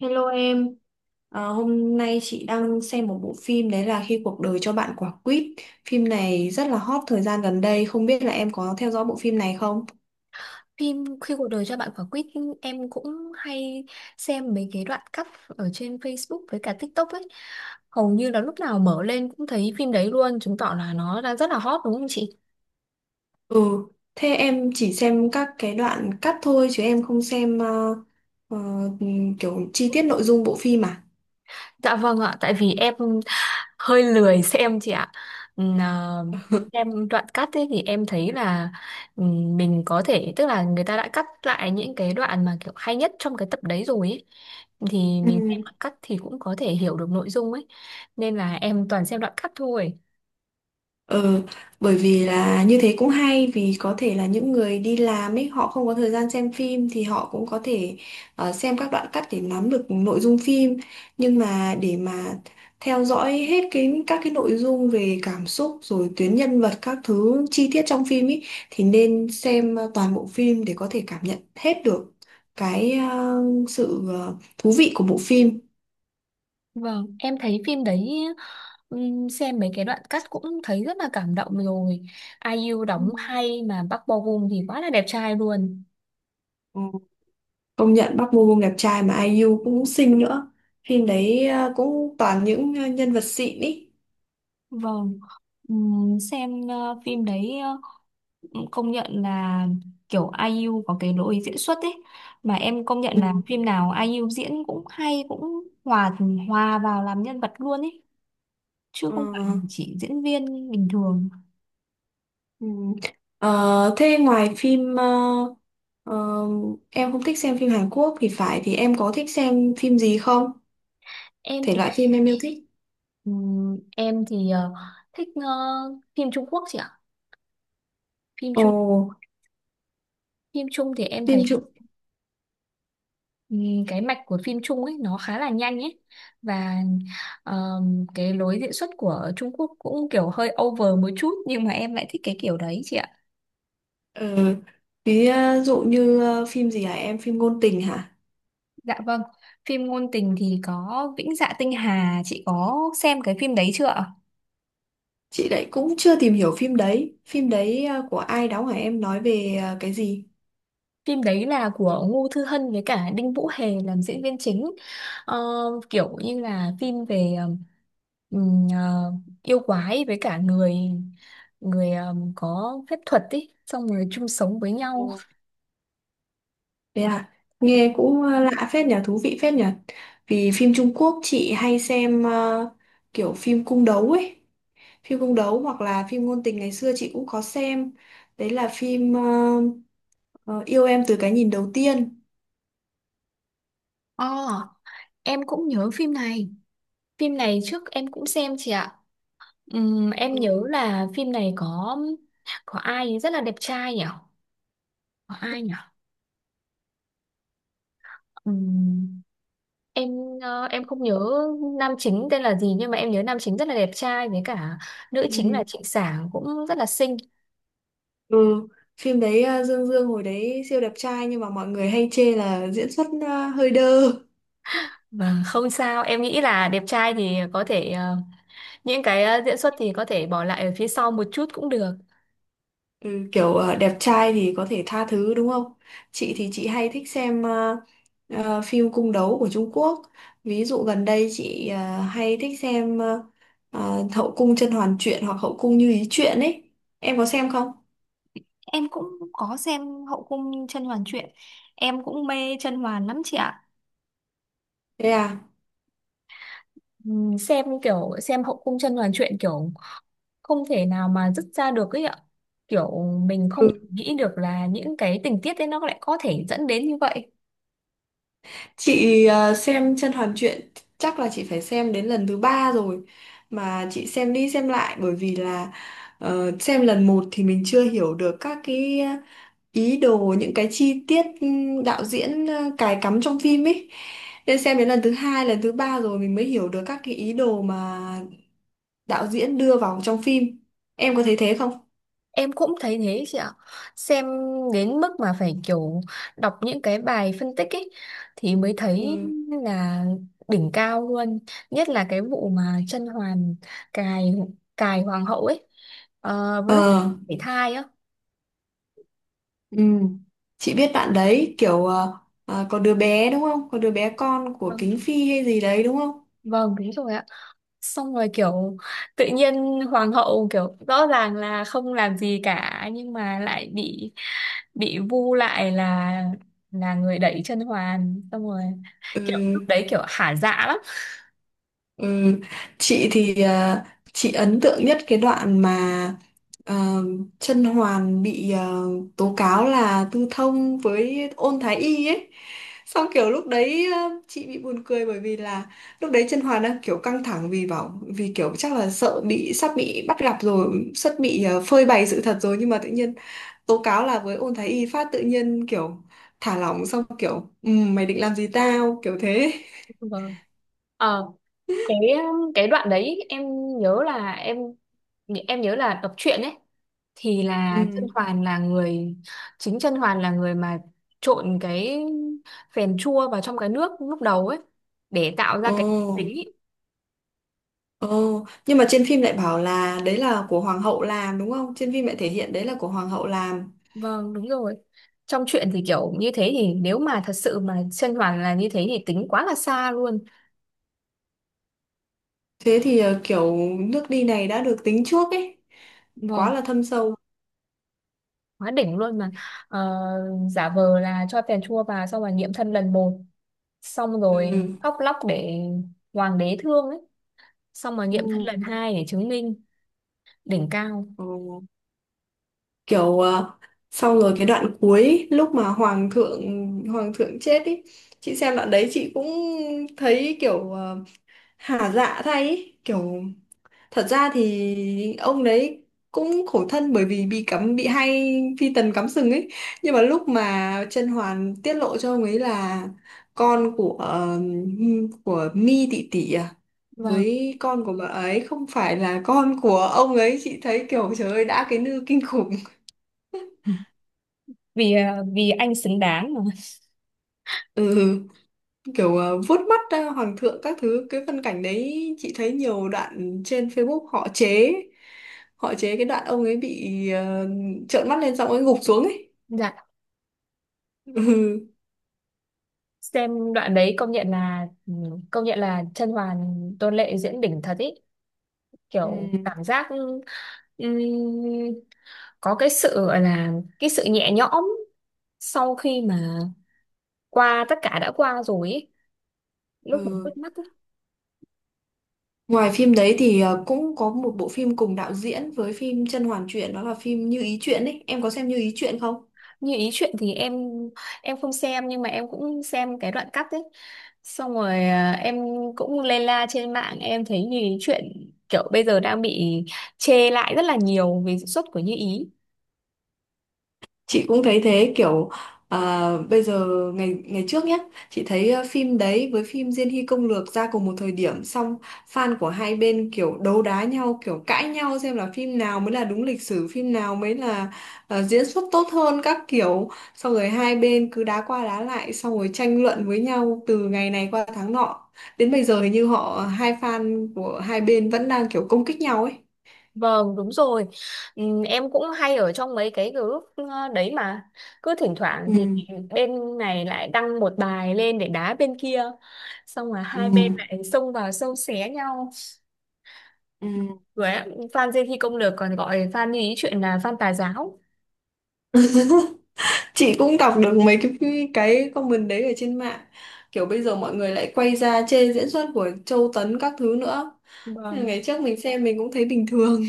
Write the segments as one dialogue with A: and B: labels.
A: Hello em. Hôm nay chị đang xem một bộ phim đấy là Khi cuộc đời cho bạn quả quýt. Phim này rất là hot thời gian gần đây, không biết là em có theo dõi bộ phim này không?
B: Phim Khi cuộc đời cho bạn quả quýt em cũng hay xem mấy cái đoạn cắt ở trên Facebook với cả TikTok ấy. Hầu như là lúc nào mở lên cũng thấy phim đấy luôn, chứng tỏ là nó đang rất là hot đúng không chị?
A: Ừ, thế em chỉ xem các cái đoạn cắt thôi chứ em không xem ờ, kiểu chi tiết nội dung bộ phim à?
B: Dạ vâng ạ, tại vì em hơi lười xem chị ạ. Ừm, à, Em đoạn cắt ấy thì em thấy là mình có thể tức là người ta đã cắt lại những cái đoạn mà kiểu hay nhất trong cái tập đấy rồi ấy thì
A: Ừ.
B: mình xem đoạn cắt thì cũng có thể hiểu được nội dung ấy nên là em toàn xem đoạn cắt thôi.
A: Ờ, Bởi vì là như thế cũng hay vì có thể là những người đi làm ấy họ không có thời gian xem phim thì họ cũng có thể xem các đoạn cắt để nắm được nội dung phim, nhưng mà để mà theo dõi hết cái các cái nội dung về cảm xúc rồi tuyến nhân vật các thứ chi tiết trong phim ấy thì nên xem toàn bộ phim để có thể cảm nhận hết được cái sự thú vị của bộ phim.
B: Vâng, em thấy phim đấy xem mấy cái đoạn cắt cũng thấy rất là cảm động rồi. Ai IU
A: Ừ.
B: đóng hay mà Park Bo Gum thì quá là đẹp trai luôn.
A: Ừ. Công nhận Park Bo Gum đẹp trai mà ai IU cũng xinh nữa. Phim đấy cũng toàn những nhân vật xịn ý.
B: Vâng, phim đấy công nhận là kiểu ai IU có cái lối diễn xuất ấy mà em công nhận là
A: Ừ.
B: phim nào ai IU diễn cũng hay cũng hòa hòa vào làm nhân vật luôn ấy, chứ
A: Ờ,
B: không phải chỉ diễn viên bình thường.
A: ừ. Thế ngoài phim ờ, em không thích xem phim Hàn Quốc thì phải, thì em có thích xem phim gì không?
B: Em
A: Thể
B: thì
A: loại phim em yêu thích.
B: em thì ờ, thích ờ, phim Trung Quốc chị ạ. Phim
A: Ồ,
B: Trung Phim Trung thì em
A: phim
B: thấy
A: chụp
B: cái mạch của phim Trung ấy nó khá là nhanh ấy, và cái lối diễn xuất của Trung Quốc cũng kiểu hơi over một chút nhưng mà em lại thích cái kiểu đấy chị ạ.
A: ờ, ví dụ như phim gì hả em? Phim ngôn tình hả?
B: Dạ vâng, phim ngôn tình thì có Vĩnh Dạ Tinh Hà, chị có xem cái phim đấy chưa ạ?
A: Chị đấy cũng chưa tìm hiểu phim đấy. Phim đấy của ai đóng hả em, nói về cái gì?
B: Phim đấy là của Ngô Thư Hân với cả Đinh Vũ Hề làm diễn viên chính. Ờ, kiểu như là phim về ừm, ờ, yêu quái với cả người người có phép thuật ý, xong rồi chung sống với nhau.
A: Thế à, nghe cũng lạ phết nhỉ, thú vị phết nhỉ. Vì phim Trung Quốc chị hay xem kiểu phim cung đấu ấy. Phim cung đấu hoặc là phim ngôn tình ngày xưa chị cũng có xem. Đấy là phim ờ, Yêu em từ cái nhìn đầu tiên.
B: Ồ, em cũng nhớ phim này. Phim này trước em cũng xem chị ạ. Em nhớ
A: Ừ.
B: là phim này có ai rất là đẹp trai nhỉ? Có ai nhỉ? Em không nhớ nam chính tên là gì nhưng mà em nhớ nam chính rất là đẹp trai, với cả nữ
A: Ừ.
B: chính là Trịnh Sảng cũng rất là xinh.
A: Ừ. Phim đấy Dương Dương hồi đấy siêu đẹp trai nhưng mà mọi người hay chê là diễn xuất hơi đơ.
B: Và không sao, em nghĩ là đẹp trai thì có thể những cái diễn xuất thì có thể bỏ lại ở phía sau một chút cũng được.
A: Ừ, kiểu đẹp trai thì có thể tha thứ đúng không? Chị thì chị hay thích xem phim cung đấu của Trung Quốc. Ví dụ gần đây chị hay thích xem Hậu cung甄嬛truyện hoặc Hậu cung Như ý truyện ấy. Em có xem không?
B: Em cũng có xem Hậu cung甄Hoàn truyện. Em cũng mê甄Hoàn lắm chị ạ.
A: Thế à?
B: Xem kiểu xem hậu cung chân hoàn truyện kiểu không thể nào mà dứt ra được ấy ạ, kiểu mình không nghĩ được là những cái tình tiết ấy nó lại có thể dẫn đến như vậy.
A: Chị xem Chân Hoàn Truyện chắc là chị phải xem đến lần thứ ba rồi, mà chị xem đi xem lại bởi vì là xem lần một thì mình chưa hiểu được các cái ý đồ những cái chi tiết, đạo diễn cài cắm trong phim ấy, nên xem đến lần thứ hai lần thứ ba rồi mình mới hiểu được các cái ý đồ mà đạo diễn đưa vào trong phim. Em có thấy thế không?
B: Em cũng thấy thế chị ạ. Xem đến mức mà phải kiểu đọc những cái bài phân tích ấy thì mới thấy
A: Ừ.
B: là đỉnh cao luôn, nhất là cái vụ mà Chân Hoàn cài cài hoàng hậu ấy, lúc
A: Ờ.
B: phải thai á.
A: Ừ. Chị biết bạn đấy kiểu có đứa bé đúng không? Có đứa bé con của
B: Vâng,
A: Kính Phi hay gì đấy đúng không?
B: vâng, đúng rồi ạ. Xong rồi kiểu tự nhiên hoàng hậu kiểu rõ ràng là không làm gì cả nhưng mà lại bị vu lại là người đẩy chân hoàn, xong rồi
A: Ừ,
B: kiểu lúc đấy kiểu hả dạ lắm.
A: ừ. Chị thì chị ấn tượng nhất cái đoạn mà ờ, Chân Hoàn bị tố cáo là tư thông với Ôn Thái Y ấy. Xong kiểu lúc đấy chị bị buồn cười bởi vì là lúc đấy Chân Hoàn đang kiểu căng thẳng vì bảo vì kiểu chắc là sợ bị sắp bị bắt gặp rồi, sắp bị phơi bày sự thật rồi, nhưng mà tự nhiên tố cáo là với ôn thái y phát tự nhiên kiểu thả lỏng xong kiểu mày định làm gì tao" kiểu thế.
B: Vâng. ờ cái cái đoạn đấy em nhớ là em nhớ là đọc truyện ấy thì là chân
A: Ừ.
B: hoàn là người, chân hoàn là người mà trộn cái phèn chua vào trong cái nước lúc đầu ấy để tạo ra
A: Ồ.
B: cái tính ý.
A: Ồ, nhưng mà trên phim lại bảo là đấy là của hoàng hậu làm đúng không, trên phim lại thể hiện đấy là của hoàng hậu làm.
B: Vâng, đúng rồi. Trong chuyện thì kiểu như thế, thì nếu mà thật sự mà chân hoàn là như thế thì tính quá là xa luôn.
A: Thế thì kiểu nước đi này đã được tính trước ấy, quá
B: Vâng,
A: là thâm sâu.
B: quá đỉnh luôn mà. Ờ, giả vờ là cho phèn chua vào xong rồi nghiệm thân lần một. Xong rồi
A: Ừ.
B: khóc lóc để hoàng đế thương ấy. Xong rồi nghiệm thân lần
A: Ừ.
B: hai để chứng minh đỉnh cao.
A: Ồ, kiểu xong rồi cái đoạn cuối lúc mà hoàng thượng chết ý, chị xem đoạn đấy chị cũng thấy kiểu hả dạ thay ý. Kiểu thật ra thì ông đấy cũng khổ thân bởi vì bị cắm bị hay phi tần cắm sừng ấy, nhưng mà lúc mà Chân Hoàn tiết lộ cho ông ấy là con của Mi tỷ tỷ à
B: Vâng,
A: với con của bà ấy không phải là con của ông ấy, chị thấy kiểu trời ơi đã cái nư kinh khủng.
B: vì vì anh xứng đáng mà.
A: Ừ, kiểu vuốt mắt hoàng thượng các thứ, cái phân cảnh đấy chị thấy nhiều đoạn trên Facebook họ chế, họ chế cái đoạn ông ấy bị trợn mắt lên xong ông ấy gục xuống ấy.
B: Dạ.
A: Ừ.
B: Xem đoạn đấy công nhận là ừ, công nhận là Chân Hoàn Tôn Lệ diễn đỉnh thật ý,
A: Ừ.
B: kiểu cảm giác Ừm, có cái sự gọi là cái sự nhẹ nhõm sau khi mà qua tất cả đã qua rồi ấy, lúc mà
A: Ừ.
B: bứt mắt ấy.
A: Ngoài phim đấy thì cũng có một bộ phim cùng đạo diễn với phim Chân Hoàn Truyện, đó là phim Như Ý Truyện ấy. Em có xem Như Ý Truyện không?
B: Như ý chuyện thì em không xem nhưng mà em cũng xem cái đoạn cắt ấy, xong rồi em cũng lê la trên mạng, em thấy như ý chuyện kiểu bây giờ đang bị chê lại rất là nhiều về diễn xuất của Như ý.
A: Chị cũng thấy thế, kiểu à, bây giờ ngày ngày trước nhé, chị thấy phim đấy với phim Diên Hy Công Lược ra cùng một thời điểm, xong fan của hai bên kiểu đấu đá nhau kiểu cãi nhau xem là phim nào mới là đúng lịch sử, phim nào mới là diễn xuất tốt hơn các kiểu, xong rồi hai bên cứ đá qua đá lại xong rồi tranh luận với nhau từ ngày này qua tháng nọ, đến bây giờ hình như họ hai fan của hai bên vẫn đang kiểu công kích nhau ấy.
B: Vâng, đúng rồi. Em cũng hay ở trong mấy cái group đấy mà. Cứ thỉnh thoảng thì
A: Ừ,
B: bên này lại đăng một bài lên để đá bên kia. Xong là hai bên
A: ừ,
B: lại xông vào xâu xé nhau.
A: ừ.
B: Rồi ạ, fan Dê Khi Công Lược còn gọi fan như ý chuyện là fan tà giáo.
A: Chị cũng đọc được mấy cái comment đấy ở trên mạng, kiểu bây giờ mọi người lại quay ra chê diễn xuất của Châu Tấn các thứ nữa. Nên
B: Vâng.
A: ngày trước mình xem mình cũng thấy bình thường.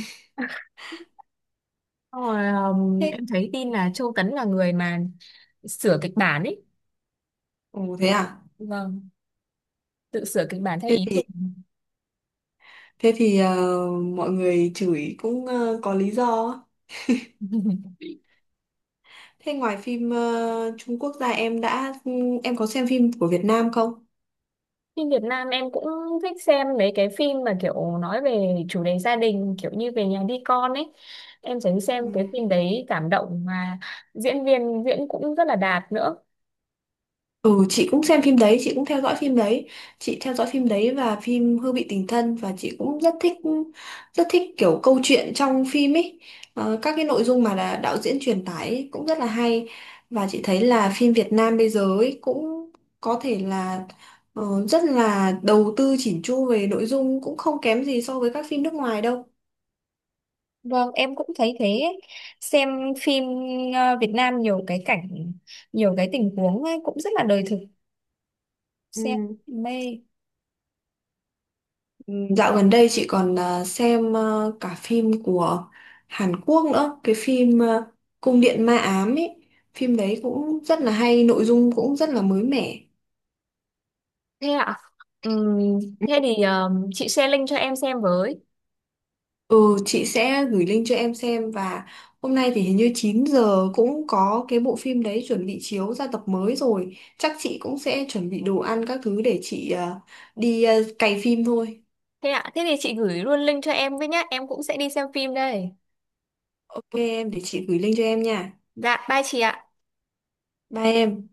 B: Xong rồi,
A: Thế.
B: em thấy tin là Châu Tấn là người mà sửa kịch bản ấy.
A: Ồ thế à.
B: Vâng, tự sửa kịch bản theo
A: thế
B: ý
A: thì
B: mình.
A: thế thì ờ, mọi người chửi cũng có lý do á. Thế ngoài phim Trung Quốc ra em đã em có xem phim của Việt Nam không?
B: Phim Việt Nam em cũng thích xem mấy cái phim mà kiểu nói về chủ đề gia đình, kiểu như về nhà đi con ấy. Em thấy xem cái
A: Ừ.
B: phim đấy cảm động mà diễn viên diễn cũng rất là đạt nữa.
A: Ừ, chị cũng xem phim đấy, chị cũng theo dõi phim đấy. Chị theo dõi phim đấy và phim Hương vị tình thân, và chị cũng rất thích kiểu câu chuyện trong phim ấy. Ờ, các cái nội dung mà là đạo diễn truyền tải ấy cũng rất là hay, và chị thấy là phim Việt Nam bây giờ ấy cũng có thể là rất là đầu tư chỉn chu về nội dung, cũng không kém gì so với các phim nước ngoài đâu.
B: Vâng, em cũng thấy thế ấy. Xem phim Việt Nam nhiều cái cảnh, nhiều cái tình huống ấy, cũng rất là đời thực. Xem mê.
A: Dạo gần đây chị còn à, xem à, cả phim của Hàn Quốc nữa, cái phim à, Cung điện ma ám ấy, phim đấy cũng rất là hay, nội dung cũng rất là mới mẻ.
B: Thế ạ? Ừm, thế thì chị share link cho em xem với.
A: Ừ, chị sẽ gửi link cho em xem, và hôm nay thì hình như 9 giờ cũng có cái bộ phim đấy chuẩn bị chiếu ra tập mới rồi. Chắc chị cũng sẽ chuẩn bị đồ ăn các thứ để chị à, đi à, cày phim thôi.
B: Thế ạ? Thế thì chị gửi luôn link cho em với nhá. Em cũng sẽ đi xem phim đây.
A: Ok em, để chị gửi link cho em nha.
B: Dạ, bye chị ạ.
A: Bye em.